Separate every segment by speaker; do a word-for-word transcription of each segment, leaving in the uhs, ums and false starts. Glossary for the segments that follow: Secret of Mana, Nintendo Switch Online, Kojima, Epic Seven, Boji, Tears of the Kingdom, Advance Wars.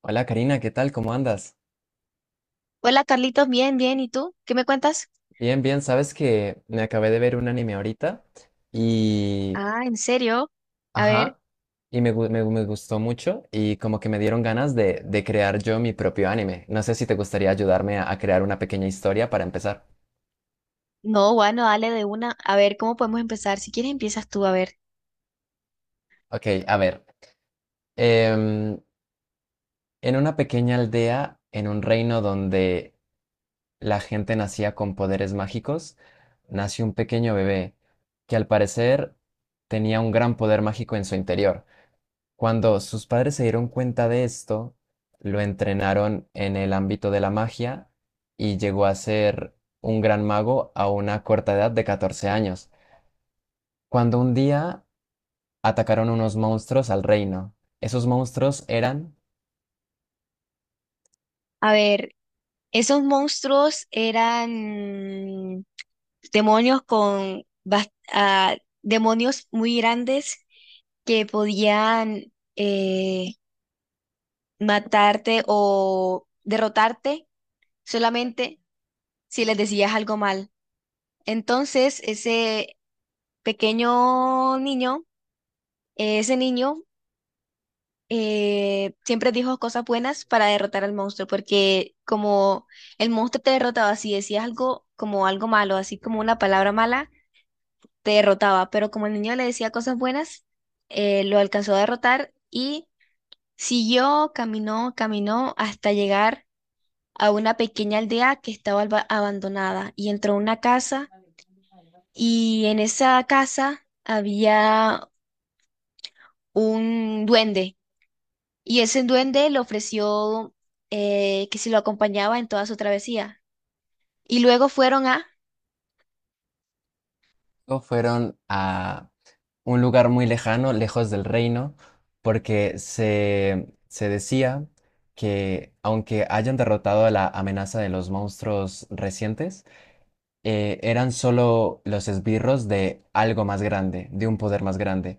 Speaker 1: Hola Karina, ¿qué tal? ¿Cómo andas?
Speaker 2: Hola Carlitos, bien, bien. ¿Y tú? ¿Qué me cuentas?
Speaker 1: Bien, bien, sabes que me acabé de ver un anime ahorita y...
Speaker 2: Ah, ¿en serio? A ver,
Speaker 1: Ajá, y me, gu- me, gu- me gustó mucho y como que me dieron ganas de, de crear yo mi propio anime. No sé si te gustaría ayudarme a, a crear una pequeña historia para empezar.
Speaker 2: no, bueno, dale de una. A ver, ¿cómo podemos empezar? Si quieres, empiezas tú, a ver.
Speaker 1: Ok, a ver. em, en una pequeña aldea, en un reino donde la gente nacía con poderes mágicos, nació un pequeño bebé que al parecer tenía un gran poder mágico en su interior. Cuando sus padres se dieron cuenta de esto, lo entrenaron en el ámbito de la magia y llegó a ser un gran mago a una corta edad de catorce años, cuando un día atacaron unos monstruos al reino. Esos monstruos eran
Speaker 2: A ver, esos monstruos eran demonios con bas- ah, demonios muy grandes que podían eh, matarte o derrotarte solamente si les decías algo mal. Entonces, ese pequeño niño, eh, ese niño eh, siempre dijo cosas buenas para derrotar al monstruo, porque como el monstruo te derrotaba, si decías algo como algo malo, así como una palabra mala, te derrotaba, pero como el niño le decía cosas buenas, eh, lo alcanzó a derrotar y siguió, caminó, caminó hasta llegar a una pequeña aldea que estaba alba- abandonada y entró a una casa, y en esa casa había un duende. Y ese duende le ofreció, eh, que si lo acompañaba en toda su travesía. Y luego fueron a,
Speaker 1: o fueron a un lugar muy lejano, lejos del reino, porque se, se decía que aunque hayan derrotado a la amenaza de los monstruos recientes, eh, eran solo los esbirros de algo más grande, de un poder más grande.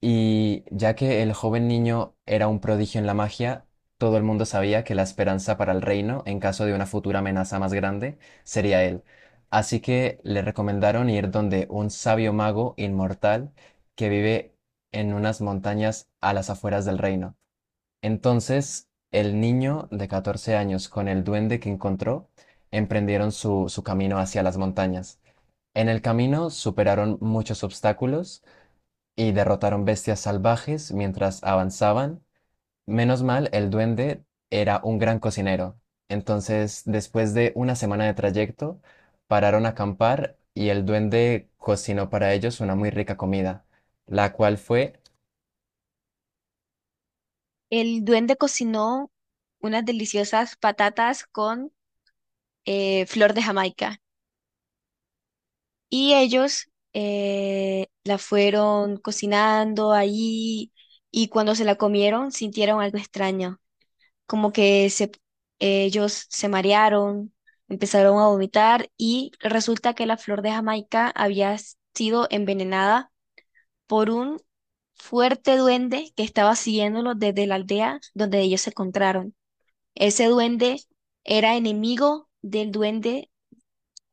Speaker 1: Y ya que el joven niño era un prodigio en la magia, todo el mundo sabía que la esperanza para el reino, en caso de una futura amenaza más grande, sería él. Así que le recomendaron ir donde un sabio mago inmortal que vive en unas montañas a las afueras del reino. Entonces, el niño de catorce años con el duende que encontró emprendieron su, su camino hacia las montañas. En el camino superaron muchos obstáculos y derrotaron bestias salvajes mientras avanzaban. Menos mal, el duende era un gran cocinero. Entonces, después de una semana de trayecto, pararon a acampar y el duende cocinó para ellos una muy rica comida, la cual fue,
Speaker 2: el duende cocinó unas deliciosas patatas con eh, flor de Jamaica. Y ellos eh, la fueron cocinando ahí, y cuando se la comieron sintieron algo extraño, como que se, ellos se marearon, empezaron a vomitar y resulta que la flor de Jamaica había sido envenenada por un fuerte duende que estaba siguiéndolos desde la aldea donde ellos se encontraron. Ese duende era enemigo del duende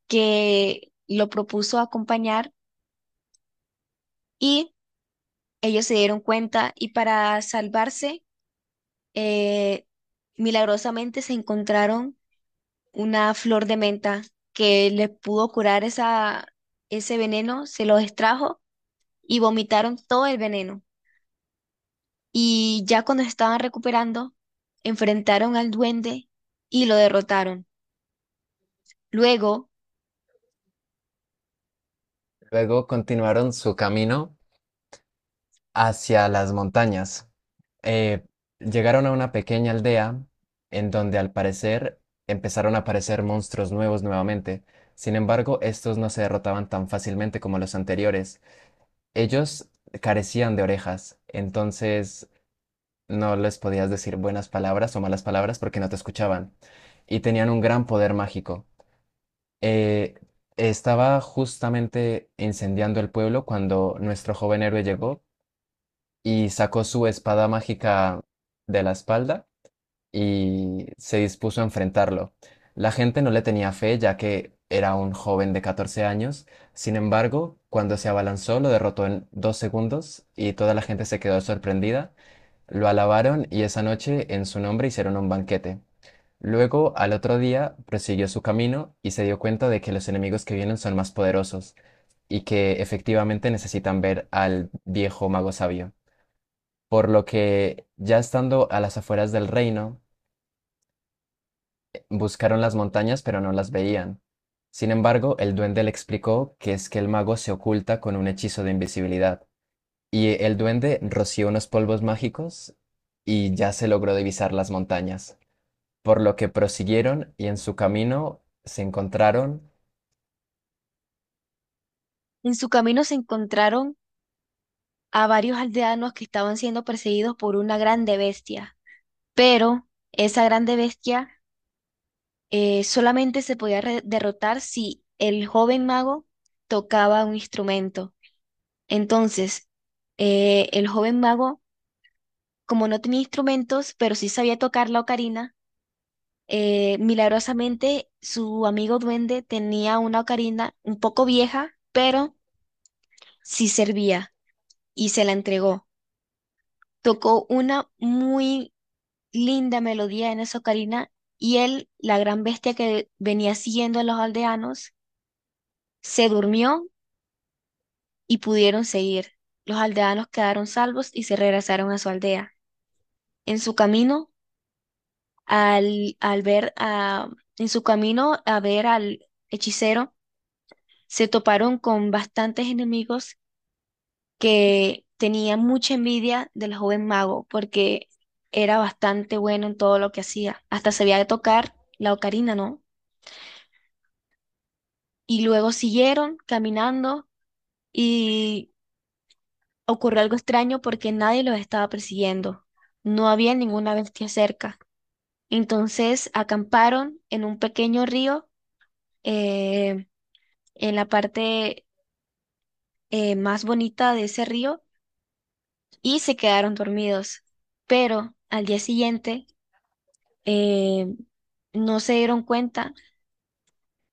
Speaker 2: que lo propuso acompañar, y ellos se dieron cuenta y para salvarse, eh, milagrosamente se encontraron una flor de menta que les pudo curar esa, ese veneno, se los extrajo y vomitaron todo el veneno. Y ya cuando se estaban recuperando, enfrentaron al duende y lo derrotaron. Luego,
Speaker 1: luego continuaron su camino hacia las montañas. Eh, Llegaron a una pequeña aldea en donde al parecer empezaron a aparecer monstruos nuevos nuevamente. Sin embargo, estos no se derrotaban tan fácilmente como los anteriores. Ellos carecían de orejas, entonces no les podías decir buenas palabras o malas palabras porque no te escuchaban. Y tenían un gran poder mágico. Eh, Estaba justamente incendiando el pueblo cuando nuestro joven héroe llegó y sacó su espada mágica de la espalda y se dispuso a enfrentarlo. La gente no le tenía fe ya que era un joven de catorce años, sin embargo, cuando se abalanzó lo derrotó en dos segundos y toda la gente se quedó sorprendida, lo alabaron y esa noche en su nombre hicieron un banquete. Luego, al otro día, prosiguió su camino y se dio cuenta de que los enemigos que vienen son más poderosos y que efectivamente necesitan ver al viejo mago sabio por lo que ya estando a las afueras del reino, eh, buscaron las montañas pero no las veían. Sin embargo, el duende le explicó que es que el mago se oculta con un hechizo de invisibilidad, y el duende roció unos polvos mágicos y ya se logró divisar las montañas, por lo que prosiguieron y en su camino se encontraron
Speaker 2: en su camino se encontraron a varios aldeanos que estaban siendo perseguidos por una grande bestia. Pero esa grande bestia eh, solamente se podía re- derrotar si el joven mago tocaba un instrumento. Entonces, eh, el joven mago, como no tenía instrumentos, pero sí sabía tocar la ocarina, Eh, milagrosamente, su amigo duende tenía una ocarina un poco vieja, pero sí servía y se la entregó. Tocó una muy linda melodía en esa ocarina y él, la gran bestia que venía siguiendo a los aldeanos, se durmió y pudieron seguir. Los aldeanos quedaron salvos y se regresaron a su aldea. En su camino, al, al ver a, en su camino a ver al hechicero, se toparon con bastantes enemigos que tenían mucha envidia del joven mago porque era bastante bueno en todo lo que hacía. Hasta sabía tocar la ocarina, ¿no? Y luego siguieron caminando y ocurrió algo extraño porque nadie los estaba persiguiendo. No había ninguna bestia cerca. Entonces acamparon en un pequeño río, eh, en la parte eh, más bonita de ese río y se quedaron dormidos. Pero al día siguiente eh, no se dieron cuenta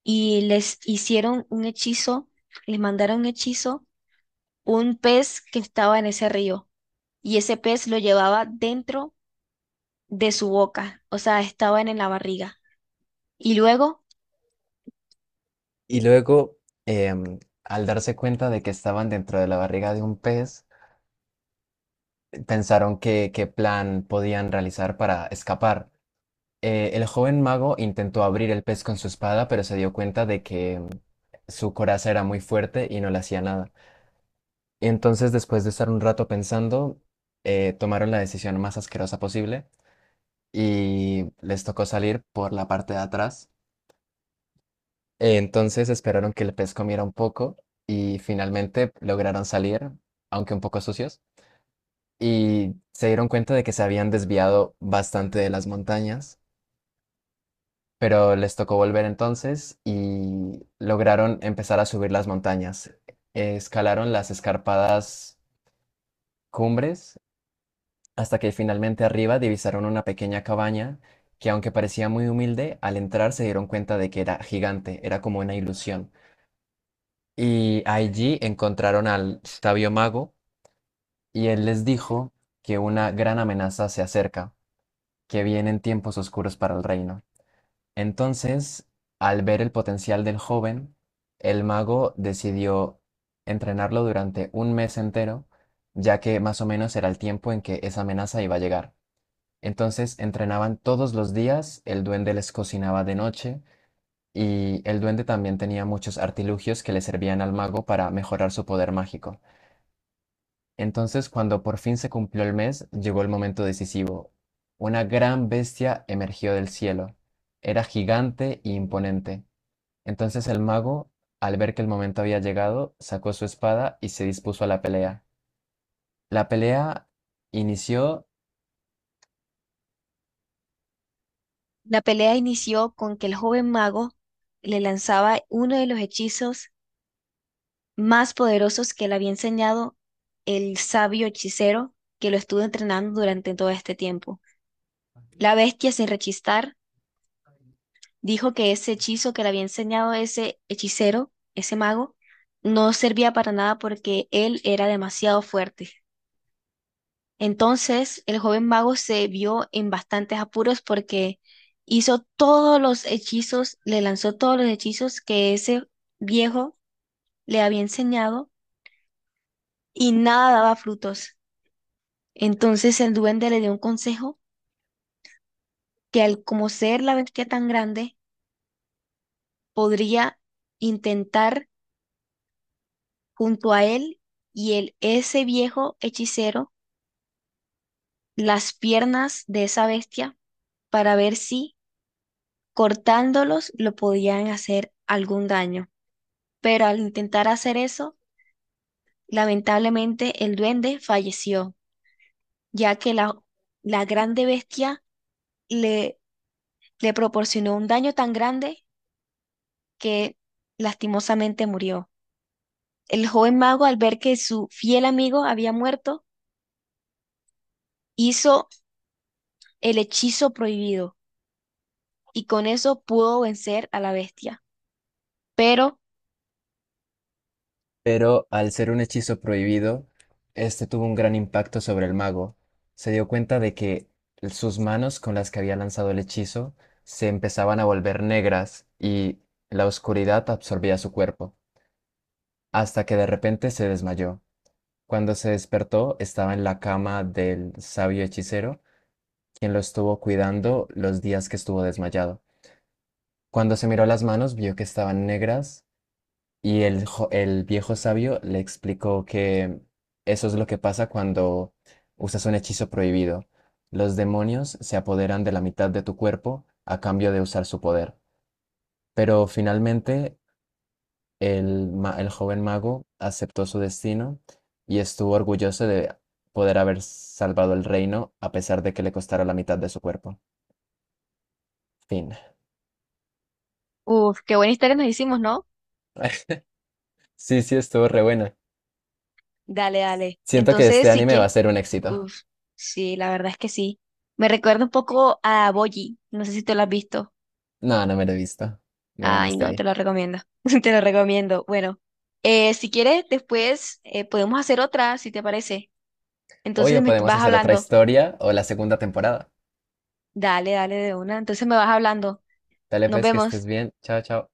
Speaker 2: y les hicieron un hechizo, les mandaron un hechizo, un pez que estaba en ese río, y ese pez lo llevaba dentro de su boca, o sea, estaba en la barriga. Y luego
Speaker 1: y luego, em, al darse cuenta de que estaban dentro de la barriga de un pez, pensaron qué qué plan podían realizar para escapar. Eh, el joven mago intentó abrir el pez con su espada, pero se dio cuenta de que mm, su coraza era muy fuerte y no le hacía nada. Y entonces, después de estar un rato pensando, eh, tomaron la decisión más asquerosa posible y les tocó salir por la parte de atrás. Eh, entonces esperaron que el pez comiera un poco y finalmente lograron salir, aunque un poco sucios, y se dieron cuenta de que se habían desviado bastante de las montañas. Pero les tocó volver entonces y lograron empezar a subir las montañas. Escalaron las escarpadas cumbres hasta que finalmente arriba divisaron una pequeña cabaña que aunque parecía muy humilde, al entrar se dieron cuenta de que era gigante, era como una ilusión. Y allí encontraron al sabio mago y él les dijo que una gran amenaza se acerca, que vienen tiempos oscuros para el reino. Entonces, al ver el potencial del joven, el mago decidió entrenarlo durante un mes entero, ya que más o menos era el tiempo en que esa amenaza iba a llegar. Entonces entrenaban todos los días, el duende les cocinaba de noche y el duende también tenía muchos artilugios que le servían al mago para mejorar su poder mágico. Entonces, cuando por fin se cumplió el mes, llegó el momento decisivo. Una gran bestia emergió del cielo. Era gigante e imponente entonces el mago, al ver que el momento había llegado, sacó su espada y se dispuso a la pelea. La pelea inició,
Speaker 2: la pelea inició con que el joven mago le lanzaba uno de los hechizos más poderosos que le había enseñado el sabio hechicero que lo estuvo entrenando durante todo este tiempo. La bestia, sin rechistar, dijo que ese hechizo que le había enseñado ese hechicero, ese mago, no servía para nada porque él era demasiado fuerte. Entonces, el joven mago se vio en bastantes apuros porque hizo todos los hechizos, le lanzó todos los hechizos que ese viejo le había enseñado y nada daba frutos. Entonces el duende le dio un consejo que al como ser la bestia tan grande, podría intentar junto a él y el, ese viejo hechicero las piernas de esa bestia para ver si cortándolos lo podían hacer algún daño. Pero al intentar hacer eso, lamentablemente el duende falleció, ya que la, la grande bestia le, le proporcionó un daño tan grande que lastimosamente murió. El joven mago, al ver que su fiel amigo había muerto, hizo el hechizo prohibido y con eso pudo vencer a la bestia. Pero,
Speaker 1: pero al ser un hechizo prohibido, este tuvo un gran impacto sobre el mago. Se dio cuenta de que sus manos con las que había lanzado el hechizo se empezaban a volver negras y la oscuridad absorbía su cuerpo, hasta que de repente se desmayó. Cuando se despertó, estaba en la cama del sabio hechicero quien lo estuvo cuidando los días que estuvo desmayado. Cuando se miró las manos, vio que estaban negras y el, jo- el viejo sabio le explicó que eso es lo que pasa cuando usas un hechizo prohibido. Los demonios se apoderan de la mitad de tu cuerpo a cambio de usar su poder. Pero finalmente el, ma- el joven mago aceptó su destino y estuvo orgulloso de poder haber salvado el reino a pesar de que le costara la mitad de su cuerpo. Fin.
Speaker 2: uf, qué buena historia nos hicimos, ¿no?
Speaker 1: Sí, sí, estuvo re buena.
Speaker 2: Dale, dale.
Speaker 1: Siento que este
Speaker 2: Entonces sí
Speaker 1: anime va a
Speaker 2: que,
Speaker 1: ser un éxito.
Speaker 2: uff, sí, la verdad es que sí. Me recuerda un poco a Boji. No sé si te lo has visto.
Speaker 1: No, no me lo he visto. Me
Speaker 2: Ay,
Speaker 1: ganaste
Speaker 2: no, te
Speaker 1: ahí.
Speaker 2: lo recomiendo. Te lo recomiendo. Bueno, eh, si quieres, después eh, podemos hacer otra, si te parece. Entonces
Speaker 1: Obvio,
Speaker 2: me
Speaker 1: podemos
Speaker 2: vas
Speaker 1: hacer otra
Speaker 2: hablando.
Speaker 1: historia o la segunda temporada.
Speaker 2: Dale, dale de una. Entonces me vas hablando.
Speaker 1: Dale
Speaker 2: Nos
Speaker 1: pues que estés
Speaker 2: vemos.
Speaker 1: bien. Chao, chao.